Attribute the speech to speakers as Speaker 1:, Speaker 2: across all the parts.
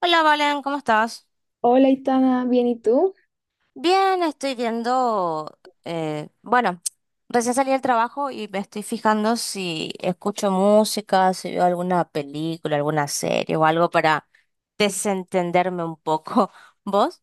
Speaker 1: Hola Valen, ¿cómo estás?
Speaker 2: Hola, Itana, ¿bien y tú?
Speaker 1: Bien, estoy viendo, bueno, recién salí del trabajo y me estoy fijando si escucho música, si veo alguna película, alguna serie o algo para desentenderme un poco. ¿Vos?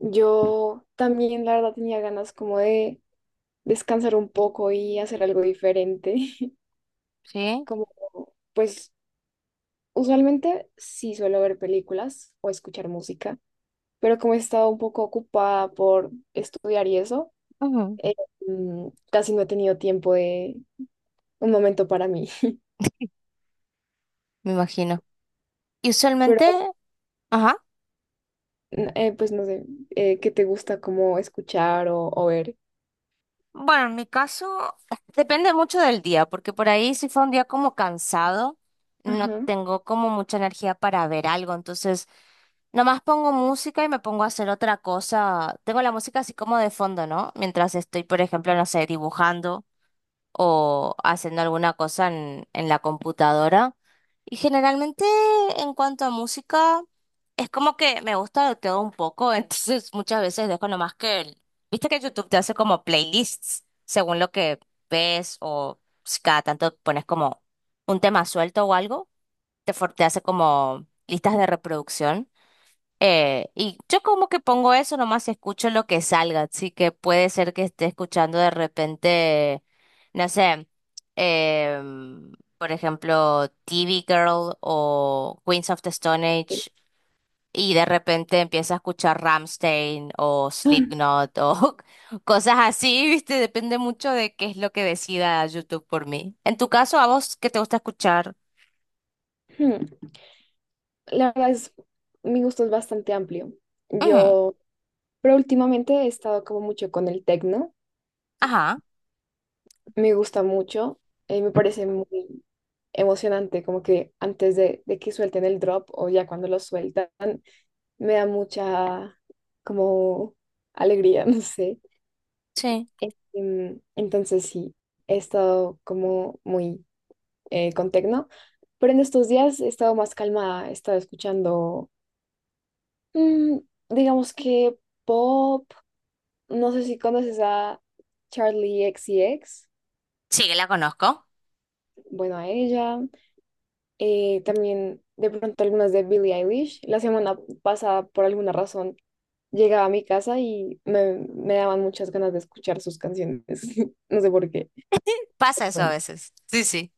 Speaker 2: Yo también, la verdad, tenía ganas como de descansar un poco y hacer algo diferente.
Speaker 1: Sí,
Speaker 2: Como, pues, usualmente sí suelo ver películas o escuchar música, pero como he estado un poco ocupada por estudiar y eso,
Speaker 1: ujú,
Speaker 2: eh, casi no he tenido tiempo de un momento para mí.
Speaker 1: me imagino. Y
Speaker 2: Pero,
Speaker 1: usualmente, ajá.
Speaker 2: no sé, ¿qué te gusta como escuchar o ver?
Speaker 1: Bueno, en mi caso depende mucho del día, porque por ahí si fue un día como cansado, no
Speaker 2: Ajá.
Speaker 1: tengo como mucha energía para ver algo, entonces nomás pongo música y me pongo a hacer otra cosa. Tengo la música así como de fondo, ¿no? Mientras estoy, por ejemplo, no sé, dibujando o haciendo alguna cosa en la computadora. Y generalmente en cuanto a música, es como que me gusta de todo un poco, entonces muchas veces dejo nomás que, viste que YouTube te hace como playlists según lo que ves o si cada tanto pones como un tema suelto o algo, te hace como listas de reproducción. Y yo como que pongo eso, nomás escucho lo que salga, así que puede ser que esté escuchando de repente, no sé, em, por ejemplo, TV Girl o Queens of the Stone
Speaker 2: Sí.
Speaker 1: Age, y de repente empieza a escuchar Rammstein o Slipknot o cosas así, ¿viste? Depende mucho de qué es lo que decida YouTube por mí. En tu caso, ¿a vos qué te gusta escuchar?
Speaker 2: La verdad es, mi gusto es bastante amplio.
Speaker 1: Ujú,
Speaker 2: Yo, pero últimamente he estado como mucho con el tecno.
Speaker 1: ajá,
Speaker 2: Me gusta mucho. Me parece muy emocionante, como que antes de que suelten el drop o ya cuando lo sueltan, me da mucha como alegría, no sé.
Speaker 1: sí.
Speaker 2: Entonces sí, he estado como muy con tecno. Pero en estos días he estado más calmada, he estado escuchando, mm, digamos que pop. No sé si conoces a Charlie X C X.
Speaker 1: Sí, que la conozco.
Speaker 2: Bueno, a ella. También de pronto algunas de Billie Eilish. La semana pasada, por alguna razón, llegaba a mi casa y me daban muchas ganas de escuchar sus canciones. No sé por qué.
Speaker 1: Pasa eso a
Speaker 2: Bueno,
Speaker 1: veces. Sí, sí.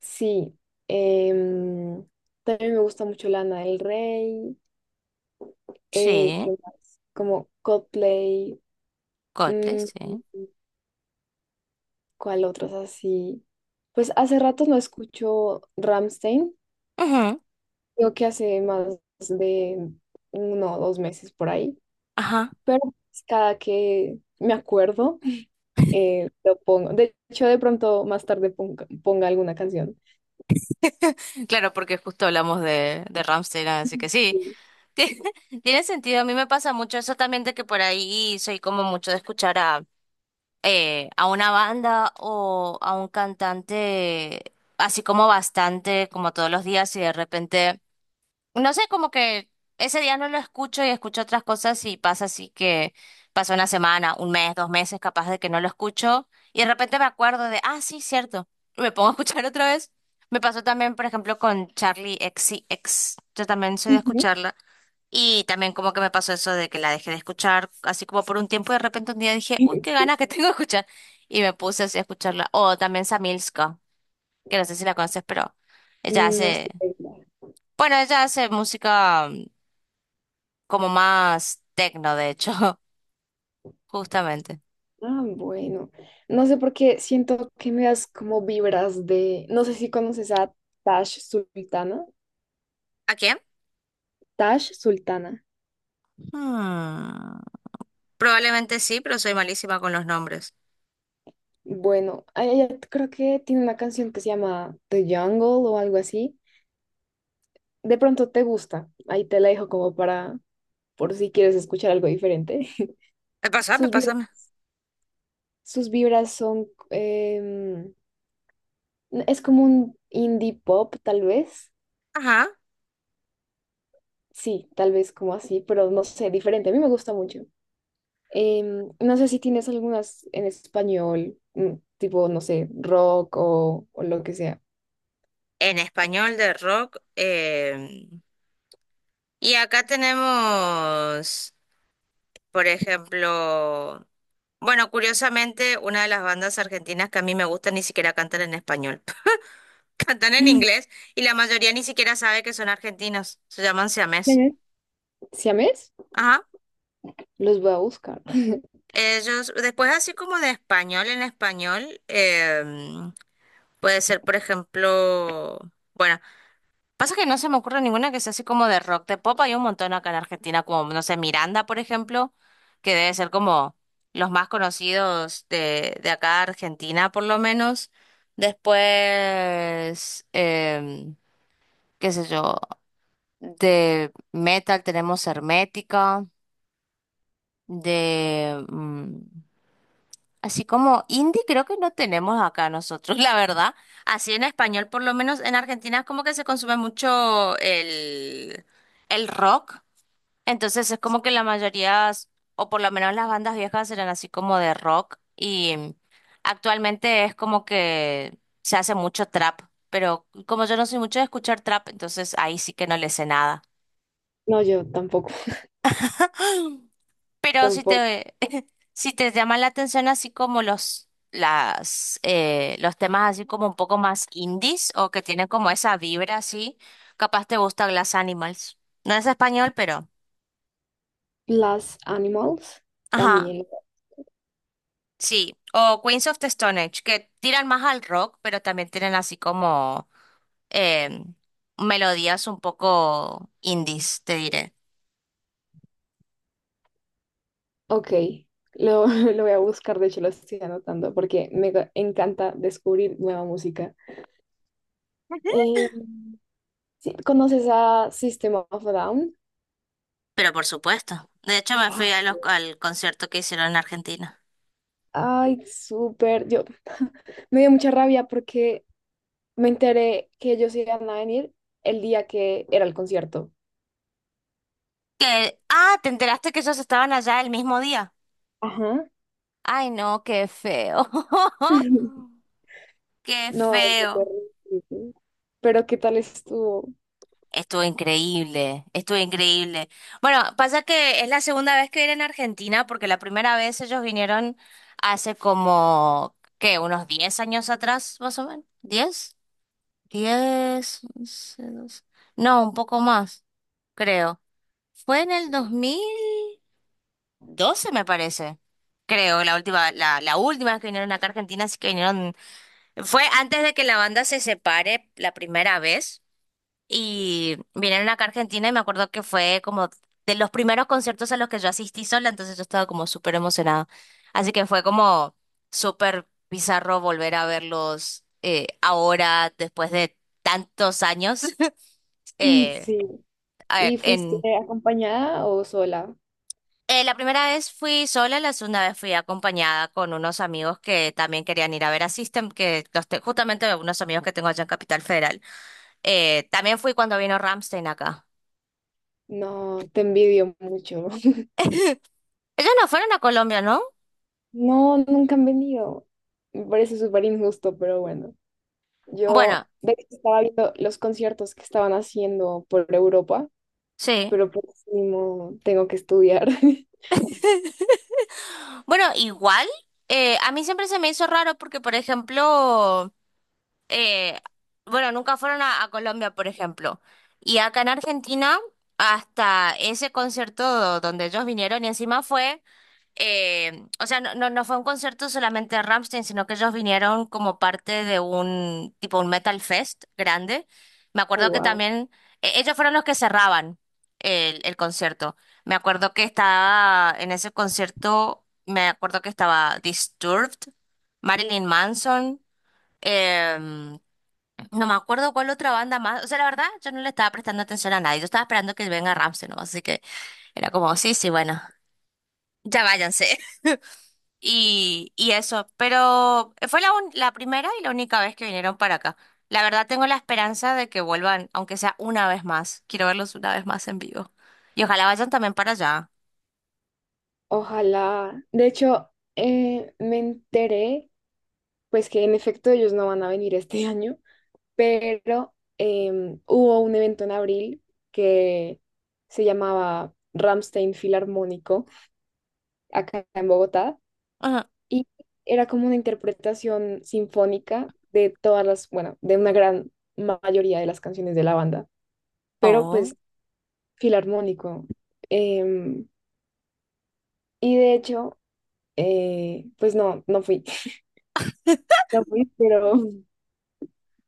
Speaker 2: sí. em, También me gusta mucho Lana del Rey.
Speaker 1: Sí,
Speaker 2: ¿Qué más? Como Coldplay.
Speaker 1: Coldplay,
Speaker 2: Mm,
Speaker 1: sí.
Speaker 2: ¿cuál otros así? Pues hace rato no escucho Ramstein.
Speaker 1: Ujú,
Speaker 2: Creo que hace más de uno o dos meses por ahí,
Speaker 1: ajá.
Speaker 2: pero pues cada que me acuerdo, lo pongo. De hecho, de pronto más tarde ponga alguna canción.
Speaker 1: Claro, porque justo hablamos de Rammstein, así que sí.
Speaker 2: Ujú.
Speaker 1: Tiene, tiene sentido. A mí me pasa mucho eso también de que por ahí soy como mucho de escuchar a una banda o a un cantante así como bastante, como todos los días, y de repente. No sé, como que ese día no lo escucho y escucho otras cosas y pasa así que pasa una semana, un mes, dos meses capaz de que no lo escucho y de repente me acuerdo de, ah, sí, cierto, y me pongo a escuchar otra vez. Me pasó también, por ejemplo, con Charlie XCX, yo también soy de
Speaker 2: Ujú.
Speaker 1: escucharla y también como que me pasó eso de que la dejé de escuchar así como por un tiempo y de repente un día dije, uy, qué ganas que tengo de escuchar y me puse así a escucharla. O también Samilska, que no sé si la conoces, pero ella
Speaker 2: No
Speaker 1: hace,
Speaker 2: sé.
Speaker 1: bueno, ella hace música como más tecno, de hecho, justamente.
Speaker 2: Ah, bueno. No sé por qué siento que me das como vibras de. No sé si conoces a Tash Sultana.
Speaker 1: ¿A quién?
Speaker 2: Tash Sultana.
Speaker 1: Hmm, Probablemente sí, pero soy malísima con los nombres.
Speaker 2: Bueno, a ella creo que tiene una canción que se llama The Jungle o algo así. De pronto te gusta. Ahí te la dejo como para, por si quieres escuchar algo diferente.
Speaker 1: Pásame,
Speaker 2: Sus vibras,
Speaker 1: pásame.
Speaker 2: sus vibras son, es como un indie pop, tal vez.
Speaker 1: Ajá.
Speaker 2: Sí, tal vez como así, pero no sé, diferente. A mí me gusta mucho. Em, no sé si tienes algunas en español, mm, tipo, no sé, rock o lo que sea.
Speaker 1: En español de rock. Y acá tenemos, por ejemplo, bueno, curiosamente, una de las bandas argentinas que a mí me gusta ni siquiera cantan en español. Cantan en inglés y la mayoría ni siquiera sabe que son argentinos. Se llaman siamés.
Speaker 2: ¿Siames?
Speaker 1: Ajá.
Speaker 2: Los voy a buscar.
Speaker 1: Ellos, después así como de español en español, puede ser, por ejemplo, bueno, pasa que no se me ocurre ninguna que sea así como de rock, de pop, hay un montón acá en Argentina, como, no sé, Miranda, por ejemplo, que debe ser como los más conocidos de acá Argentina, por lo menos. Después, qué sé yo, de metal tenemos Hermética, de así como indie creo que no tenemos acá nosotros, la verdad. Así en español, por lo menos en Argentina es como que se consume mucho el rock. Entonces es como que la mayoría, o por lo menos las bandas viejas eran así como de rock. Y actualmente es como que se hace mucho trap. Pero como yo no soy mucho de escuchar trap, entonces ahí sí que no le sé nada.
Speaker 2: No, yo tampoco,
Speaker 1: Pero si
Speaker 2: tampoco.
Speaker 1: te, si te llama la atención así como los, las, los temas así como un poco más indies o que tienen como esa vibra así, capaz te gusta Glass Animals. No es español, pero...
Speaker 2: Las Animals
Speaker 1: ajá,
Speaker 2: también.
Speaker 1: sí. O Queens of the Stone Age, que tiran más al rock, pero también tienen así como eh, melodías un poco indies, te diré.
Speaker 2: Ok, lo voy a buscar, de hecho lo estoy anotando porque encanta descubrir nueva música. Eh, ¿Conoces a System of a Down?
Speaker 1: Pero por supuesto. De hecho, me
Speaker 2: Ah,
Speaker 1: fui a al concierto que hicieron en Argentina.
Speaker 2: ay, súper. Yo me dio mucha rabia porque me enteré que ellos iban a venir el día que era el concierto.
Speaker 1: Que, ah, ¿te enteraste que ellos estaban allá el mismo día?
Speaker 2: Ajá.
Speaker 1: Ay, no, qué feo. Qué
Speaker 2: No, fue
Speaker 1: feo.
Speaker 2: terrible. Pero ¿qué tal estuvo?
Speaker 1: Estuvo increíble, estuvo increíble. Bueno, pasa que es la segunda vez que vienen a Argentina, porque la primera vez ellos vinieron hace como, ¿qué? Unos 10 años atrás, más o menos. 10, 10, 11, 12. No, un poco más, creo. Fue en el 2012 me parece. Creo, la última, la última vez que vinieron acá a Argentina, así que vinieron, fue antes de que la banda se separe la primera vez, y vinieron acá a Argentina y me acuerdo que fue como de los primeros conciertos a los que yo asistí sola, entonces yo estaba como súper emocionada. Así que fue como súper bizarro volver a verlos ahora, después de tantos años,
Speaker 2: Mm,
Speaker 1: eh,
Speaker 2: sí.
Speaker 1: a-
Speaker 2: ¿Y fuiste
Speaker 1: en
Speaker 2: acompañada o sola?
Speaker 1: La primera vez fui sola, la segunda vez fui acompañada con unos amigos que también querían ir a ver a System, que los justamente unos amigos que tengo allá en Capital Federal. También fui cuando vino Ramstein acá.
Speaker 2: No, te envidio mucho.
Speaker 1: Ellos no fueron a Colombia, ¿no?
Speaker 2: No, nunca han venido. Me parece súper injusto, pero bueno. Yo
Speaker 1: Bueno,
Speaker 2: de hecho, estaba viendo los conciertos que estaban haciendo por Europa,
Speaker 1: sí.
Speaker 2: pero por último tengo que estudiar.
Speaker 1: Bueno, igual, a mí siempre se me hizo raro porque, por ejemplo, eh, bueno, nunca fueron a Colombia, por ejemplo. Y acá en Argentina, hasta ese concierto donde ellos vinieron y encima fue o sea, no, no, no fue un concierto solamente de Rammstein, sino que ellos vinieron como parte de un tipo un Metal Fest grande. Me
Speaker 2: Ay,
Speaker 1: acuerdo que
Speaker 2: wow.
Speaker 1: también ellos fueron los que cerraban el concierto. Me acuerdo que estaba en ese concierto, me acuerdo que estaba Disturbed, Marilyn Manson, em, no me acuerdo cuál otra banda más. O sea, la verdad, yo no le estaba prestando atención a nadie. Yo estaba esperando que venga Rammstein, ¿no? Así que era como, sí, sí, bueno, ya váyanse. Y eso, pero fue la primera y la única vez que vinieron para acá. La verdad tengo la esperanza de que vuelvan, aunque sea una vez más. Quiero verlos una vez más en vivo. Y ojalá vayan también para allá.
Speaker 2: Ojalá. De hecho, me enteré, pues que en efecto ellos no van a venir este año, pero hubo un evento en abril que se llamaba Ramstein Filarmónico, acá en Bogotá,
Speaker 1: Ujú.
Speaker 2: y era como una interpretación sinfónica de todas las, bueno, de una gran mayoría de las canciones de la banda, pero
Speaker 1: Oh,
Speaker 2: pues filarmónico. Em, y de hecho, pues no, no fui. No fui, pero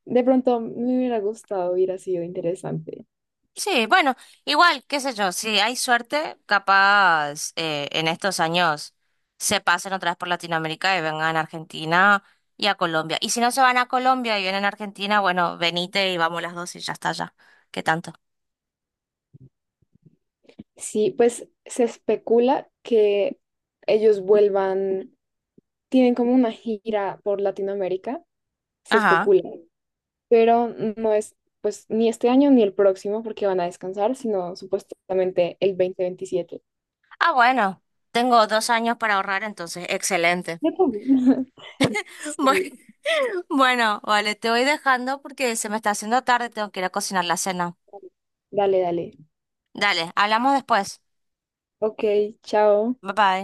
Speaker 2: de pronto me hubiera gustado, hubiera sido interesante.
Speaker 1: sí, bueno, igual, qué sé yo, si hay suerte, capaz en estos años se pasen otra vez por Latinoamérica y vengan a Argentina y a Colombia. Y si no se van a Colombia y vienen a Argentina, bueno, venite y vamos las dos y ya está ya. ¿Qué tanto?
Speaker 2: Sí, pues se especula que ellos vuelvan, tienen como una gira por Latinoamérica, se
Speaker 1: Ajá.
Speaker 2: especula, pero no es pues ni este año ni el próximo porque van a descansar, sino supuestamente el 2027.
Speaker 1: Ah, bueno, tengo 2 años para ahorrar, entonces, excelente.
Speaker 2: Ya tengo.
Speaker 1: Bueno,
Speaker 2: Sí,
Speaker 1: bueno, vale, te voy dejando porque se me está haciendo tarde, tengo que ir a cocinar la cena.
Speaker 2: dale, dale.
Speaker 1: Dale, hablamos después.
Speaker 2: Ok, chao.
Speaker 1: Bye bye.